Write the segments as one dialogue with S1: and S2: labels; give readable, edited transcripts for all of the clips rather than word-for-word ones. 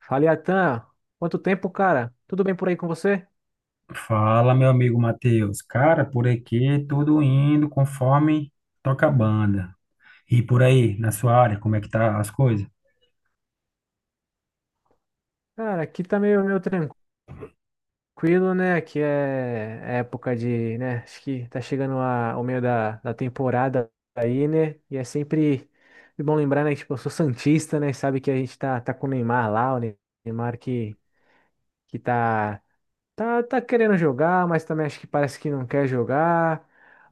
S1: Fala, Atan. Quanto tempo, cara? Tudo bem por aí com você?
S2: Fala, meu amigo Matheus. Cara, por aqui tudo indo conforme toca a banda. E por aí, na sua área, como é que tá as coisas?
S1: Cara, aqui tá meio tranquilo, né? Aqui é época de, né? Acho que tá chegando ao meio da temporada aí, né? E é sempre bom lembrar, né? Tipo, eu sou santista, né? Sabe que a gente tá com o Neymar lá, o Neymar que tá querendo jogar, mas também acho que parece que não quer jogar.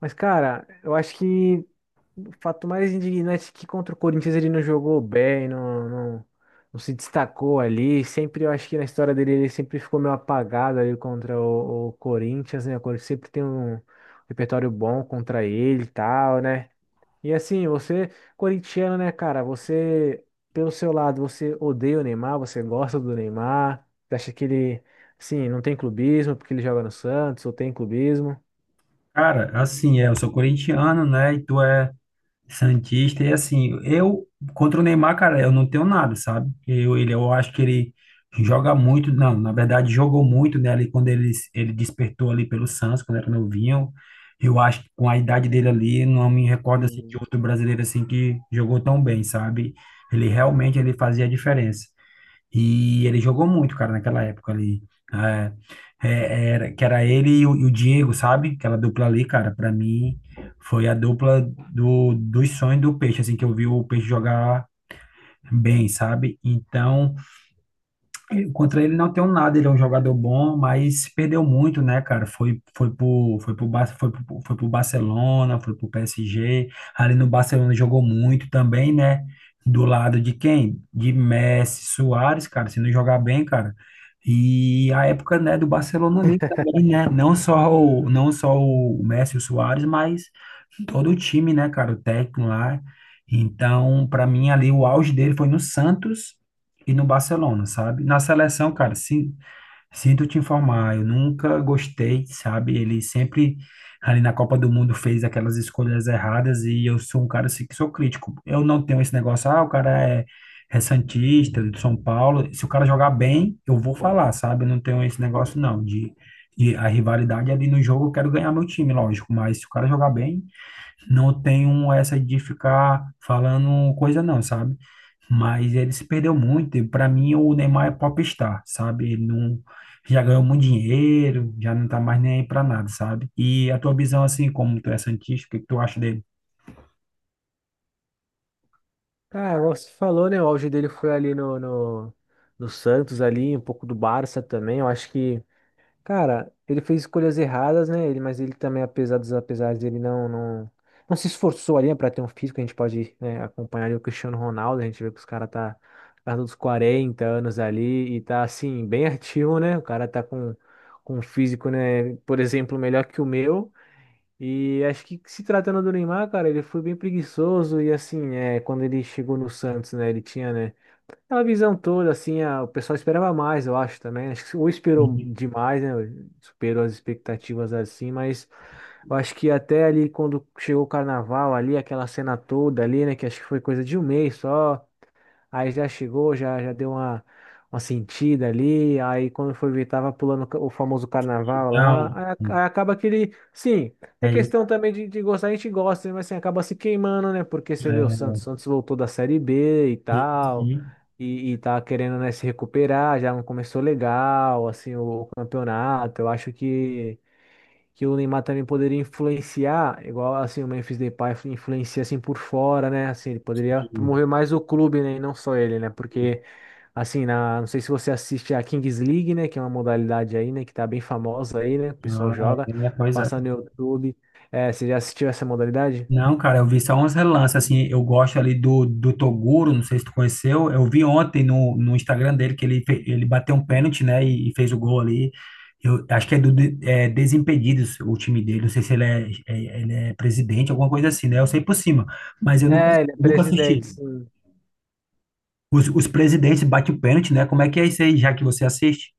S1: Mas, cara, eu acho que o fato mais indignante é que contra o Corinthians ele não jogou bem, não se destacou ali. Sempre, eu acho que na história dele ele sempre ficou meio apagado ali contra o Corinthians, né? O Corinthians sempre tem um repertório bom contra ele e tal, né? E assim, você, corintiano, né, cara? Você, pelo seu lado, você odeia o Neymar, você gosta do Neymar, você acha que ele, assim, não tem clubismo porque ele joga no Santos, ou tem clubismo?
S2: Cara, assim, eu sou corintiano, né? E tu é Santista, e assim, eu contra o Neymar, cara, eu não tenho nada, sabe? Eu, ele, eu acho que ele joga muito, não, na verdade jogou muito, né, ali quando ele despertou ali pelo Santos, quando era novinho. Eu acho que com a idade dele ali, não me recordo assim, de
S1: Sim.
S2: outro brasileiro assim que jogou tão bem, sabe? Ele realmente ele fazia a diferença. E ele jogou muito, cara, naquela época ali, né? Que era ele e o Diego, sabe? Aquela dupla ali, cara, pra mim foi a dupla dos sonhos do Peixe, assim, que eu vi o Peixe jogar bem, sabe? Então, contra ele não tenho nada, ele é um jogador bom, mas se perdeu muito, né, cara? Foi pro Barcelona, foi pro PSG. Ali no Barcelona jogou muito também, né? Do lado de quem? De Messi, Suárez, cara, se não jogar bem, cara. E a época, né, do Barcelona ali também, né? Não só o Messi e o Suárez, mas todo o time, né, cara, o técnico lá. Então, para mim ali o auge dele foi no Santos e no Barcelona, sabe? Na seleção, cara, sinto te informar, eu nunca gostei, sabe? Ele sempre ali na Copa do Mundo fez aquelas escolhas erradas e eu sou um cara assim, que sou crítico. Eu não tenho esse negócio, ah, o cara é é Santista, do São Paulo. Se o cara jogar bem, eu vou falar, sabe? Eu não tenho esse negócio, não, de a rivalidade ali no jogo, eu quero ganhar meu time, lógico. Mas se o cara jogar bem, não tenho essa de ficar falando coisa não, sabe? Mas ele se perdeu muito. E para mim, o Neymar é popstar, sabe? Ele não Já ganhou muito dinheiro, já não tá mais nem aí para nada, sabe? E a tua visão, assim, como tu é santista, o que que tu acha dele?
S1: Cara, igual você falou, né? O auge dele foi ali no Santos, ali, um pouco do Barça também. Eu acho que, cara, ele fez escolhas erradas, né? Ele, mas ele também, apesar dos apesares dele, não se esforçou ali, né, pra ter um físico. A gente pode, né, acompanhar ali o Cristiano Ronaldo. A gente vê que os caras tá perto dos 40 anos ali e tá, assim, bem ativo, né? O cara tá com um físico, né? Por exemplo, melhor que o meu. E acho que se tratando do Neymar, cara, ele foi bem preguiçoso e assim, é, quando ele chegou no Santos, né, ele tinha, né, aquela visão toda, assim, a- o pessoal esperava mais, eu acho também, acho que ou esperou demais, né, superou as expectativas assim, mas eu acho que até ali quando chegou o Carnaval ali, aquela cena toda ali, né, que acho que foi coisa de um mês só. Aí já chegou, já deu uma sentida ali. Aí quando foi ver, tava pulando ca- o famoso carnaval lá.
S2: Não,
S1: Aí, ac- aí acaba que ele. Sim, é
S2: é isso.
S1: questão também de gostar, a gente gosta, né? Mas assim, acaba se queimando, né? Porque você vê o
S2: É,
S1: Santos voltou da Série B e tal.
S2: sim,
S1: E tá querendo, né, se recuperar, já não começou legal, assim, o campeonato. Eu acho que o Neymar também poderia influenciar, igual assim o Memphis Depay influencia assim por fora, né? Assim, ele poderia
S2: sim,
S1: promover mais o clube, né? E não só ele, né?
S2: sim.
S1: Porque assim, na, não sei se você assiste a Kings League, né? Que é uma modalidade aí, né? Que tá bem famosa aí, né? O pessoal
S2: Ah,
S1: joga,
S2: é, pois é.
S1: passa no YouTube. É, você já assistiu essa modalidade?
S2: Não, cara, eu vi só uns relances, assim, eu gosto ali do Toguro, não sei se tu conheceu, eu vi ontem no Instagram dele que ele bateu um pênalti, né, e fez o gol ali, eu acho que é Desimpedidos o time dele, não sei se ele é, ele é presidente, alguma coisa assim, né, eu sei por cima, mas eu nunca,
S1: É, ele é
S2: nunca assisti.
S1: presidente, sim.
S2: Os presidentes batem o pênalti, né, como é que é isso aí, já que você assiste?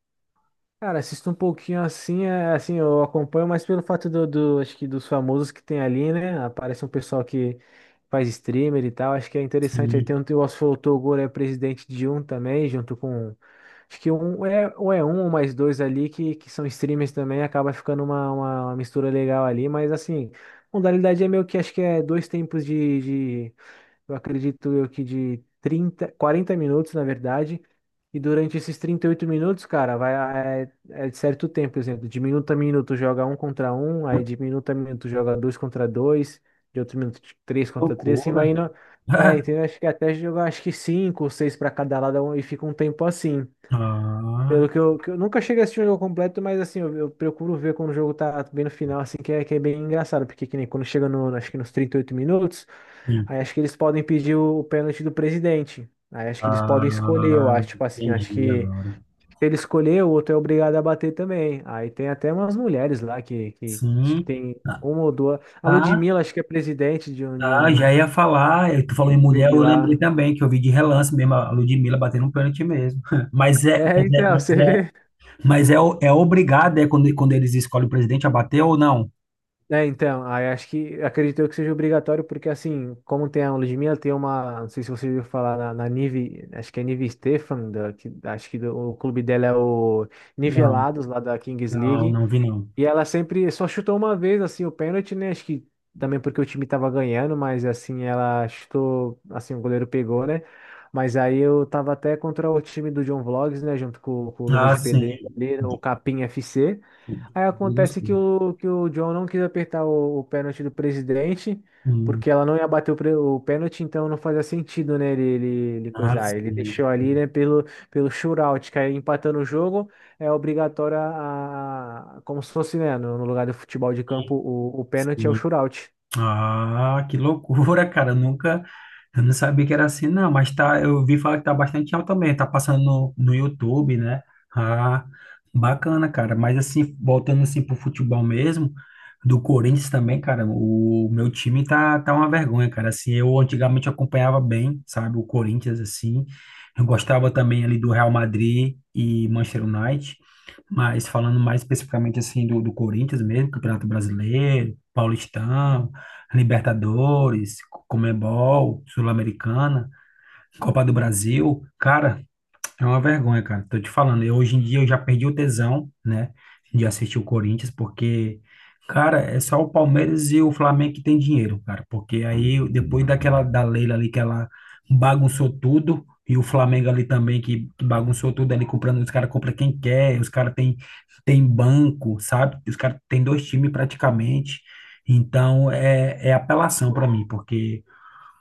S1: Cara, assisto um pouquinho assim, é, assim, eu acompanho, mas pelo fato do, do- acho que dos famosos que tem ali, né? Aparece um pessoal que faz streamer e tal, acho que é interessante. Aí tem
S2: Sim,
S1: um, o Oswaldo Toguro é presidente de um também, junto com, acho que um, é, ou é um ou mais dois ali que são streamers também, acaba ficando uma, uma mistura legal ali, mas assim, modalidade é meio que, acho que é dois tempos de eu acredito eu que de 30, 40 minutos, na verdade. E durante esses 38 minutos, cara, vai é, é de certo tempo, por exemplo, de minuto a minuto joga um contra um, aí de minuto a minuto joga dois contra dois, de outro minuto de três
S2: que
S1: contra três, assim vai
S2: loucura.
S1: indo. É, entendeu? Acho que até jogar acho que cinco ou seis para cada lado e fica um tempo assim.
S2: Ah,
S1: Pelo que eu nunca cheguei a assistir um jogo completo, mas assim, eu procuro ver quando o jogo tá bem no final, assim, que é bem engraçado, porque que nem quando chega no, acho que nos 38 minutos,
S2: sim.
S1: aí acho que eles podem pedir o pênalti do presidente. Aí acho que eles podem escolher, eu
S2: Ah,
S1: acho, tipo assim, acho
S2: entendi
S1: que
S2: agora.
S1: se ele escolher, o outro é obrigado a bater também. Aí tem até umas mulheres lá que acho que
S2: Sim.
S1: tem uma ou duas. A
S2: Ah,
S1: Ludmilla, acho que é presidente de
S2: tá,
S1: um
S2: já ia falar, tu falou em mulher,
S1: clube
S2: eu lembrei
S1: lá.
S2: também que eu vi de relance mesmo a Ludmilla batendo um pênalti mesmo. Mas é,
S1: É,
S2: mas é,
S1: então,
S2: mas
S1: você
S2: é,
S1: vê.
S2: o- é obrigado, é quando eles escolhem o presidente a bater ou não?
S1: É, então, aí acho que acredito eu que seja obrigatório, porque assim, como tem a aula de minha, tem uma, não sei se você ouviu falar na, na Nive, acho que é Nive Stefan, da, que, acho que do- o clube dela é o
S2: Não,
S1: Nivelados, lá da Kings
S2: não,
S1: League,
S2: não vi não.
S1: e ela sempre só chutou uma vez, assim, o pênalti, né, acho que também porque o time tava ganhando, mas assim, ela chutou, assim, o goleiro pegou, né, mas aí eu tava até contra o time do John Vlogs, né, junto com o Luva
S2: Ah,
S1: de
S2: sim.
S1: Pedreiro, ali, né, o
S2: De-
S1: Capim FC.
S2: de- de-
S1: Aí
S2: de- de-
S1: acontece
S2: de-
S1: que o John não quis apertar o pênalti do presidente,
S2: Hum,
S1: porque ela não ia bater o, pre- o pênalti, então não fazia sentido, né, ele
S2: ah,
S1: coisar. Ele
S2: sim.
S1: deixou ali,
S2: Sim,
S1: né, pelo, pelo shootout, que aí empatando o jogo é obrigatório a- como se fosse, né, no, no lugar do futebol de campo, o pênalti é o
S2: sim.
S1: shootout.
S2: Ah, que loucura, cara. Eu nunca, eu não sabia que era assim, não. Mas tá, eu ouvi falar que tá bastante alto também. Tá passando no YouTube, né? Ah, bacana, cara. Mas assim, voltando assim pro futebol mesmo, do Corinthians também, cara. O meu time tá uma vergonha, cara. Assim, eu antigamente acompanhava bem, sabe? O Corinthians, assim. Eu gostava também ali do Real Madrid e Manchester United. Mas falando mais especificamente assim do Corinthians mesmo, Campeonato Brasileiro, Paulistão, Libertadores, Comebol, Sul-Americana, Copa do Brasil. Cara, é uma vergonha, cara. Tô te falando, eu hoje em dia eu já perdi o tesão, né, de assistir o Corinthians, porque, cara, é só o Palmeiras e o Flamengo que tem dinheiro, cara. Porque aí, depois daquela da Leila ali, que ela bagunçou tudo, e o Flamengo ali também, que bagunçou tudo ali, comprando, os caras compram quem quer, os caras tem, tem banco, sabe? Os caras têm dois times praticamente. Então, é, é apelação para mim, porque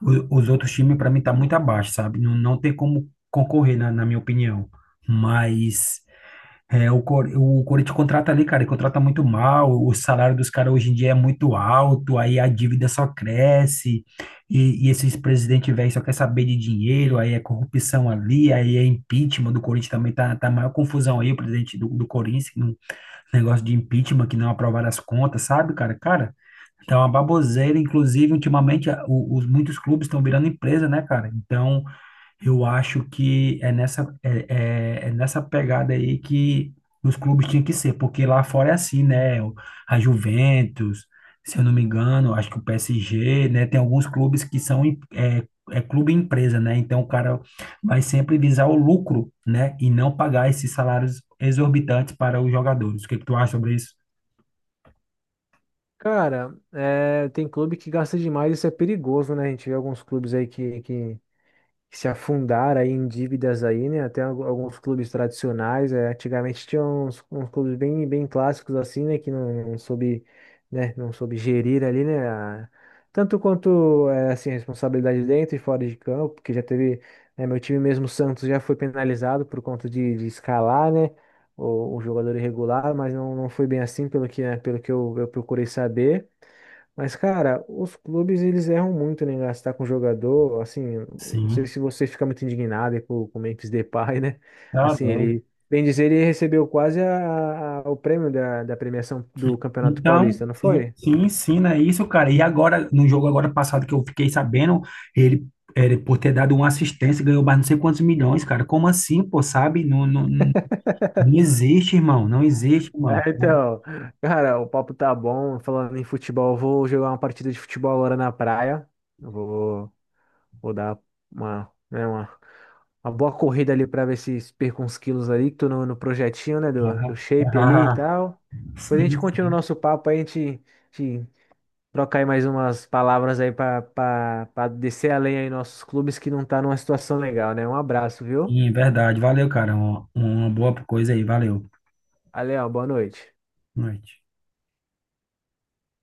S2: os outros times, para mim, tá muito abaixo, sabe? Não, não tem como concorrer, na minha opinião. Mas é, o Corinthians contrata ali, cara, e contrata muito mal. O salário dos caras hoje em dia é muito alto, aí a dívida só cresce. E esses presidentes velhos só quer saber de dinheiro, aí é corrupção ali, aí é impeachment do Corinthians também. Tá a maior confusão aí, o presidente do Corinthians, no negócio de impeachment, que não aprovaram as contas, sabe, cara? Cara, é uma baboseira, inclusive, ultimamente, os, muitos clubes estão virando empresa, né, cara? Então, eu acho que é nessa, é nessa pegada aí que os clubes tinham que ser, porque lá fora é assim, né? A Juventus, se eu não me engano, acho que o PSG, né? Tem alguns clubes que são, é clube empresa, né? Então, o cara vai sempre visar o lucro, né? E não pagar esses salários exorbitantes para os jogadores. O que que tu acha sobre isso?
S1: Cara, é, tem clube que gasta demais, isso é perigoso, né? A gente vê alguns clubes aí que se afundaram aí em dívidas aí, né? Até algu- alguns clubes tradicionais, é, antigamente tinha uns, uns clubes bem, bem clássicos assim, né? Que não, não soube, né? Não soube gerir ali, né? A- tanto quanto é, assim, a responsabilidade dentro e fora de campo, porque já teve, né, meu time mesmo, o Santos, já foi penalizado por conta de escalar, né? O jogador irregular, mas não, não foi bem assim, pelo que, né? Pelo que eu procurei saber. Mas, cara, os clubes eles erram muito né, em gastar com jogador. Assim, não sei
S2: Sim,
S1: se você fica muito indignado aí com o Memphis Depay, né?
S2: tá
S1: Assim,
S2: doido.
S1: ele, bem dizer, ele recebeu quase a- o prêmio da, da premiação do Campeonato
S2: Então,
S1: Paulista, não
S2: sim,
S1: foi?
S2: sim, ensina isso, cara. E agora, no jogo agora passado que eu fiquei sabendo, ele, ele por ter dado uma assistência, ganhou mais não sei quantos milhões, cara. Como assim, pô, sabe? Não, não, não existe, irmão. Não existe, irmão.
S1: É, então, cara, o papo tá bom. Falando em futebol, eu vou jogar uma partida de futebol agora na praia. Eu vou, vou dar uma, né, uma boa corrida ali pra ver se perco uns quilos ali, que tô no, no projetinho, né, do, do shape ali e tal. Depois a gente
S2: Sim,
S1: continua o
S2: sim.
S1: nosso papo, aí a gente troca aí mais umas palavras aí pra para descer além aí nossos clubes que não tá numa situação legal, né? Um abraço, viu?
S2: Sim, verdade. Valeu, cara. Uma boa coisa aí. Valeu.
S1: Valeu, boa noite.
S2: Boa noite.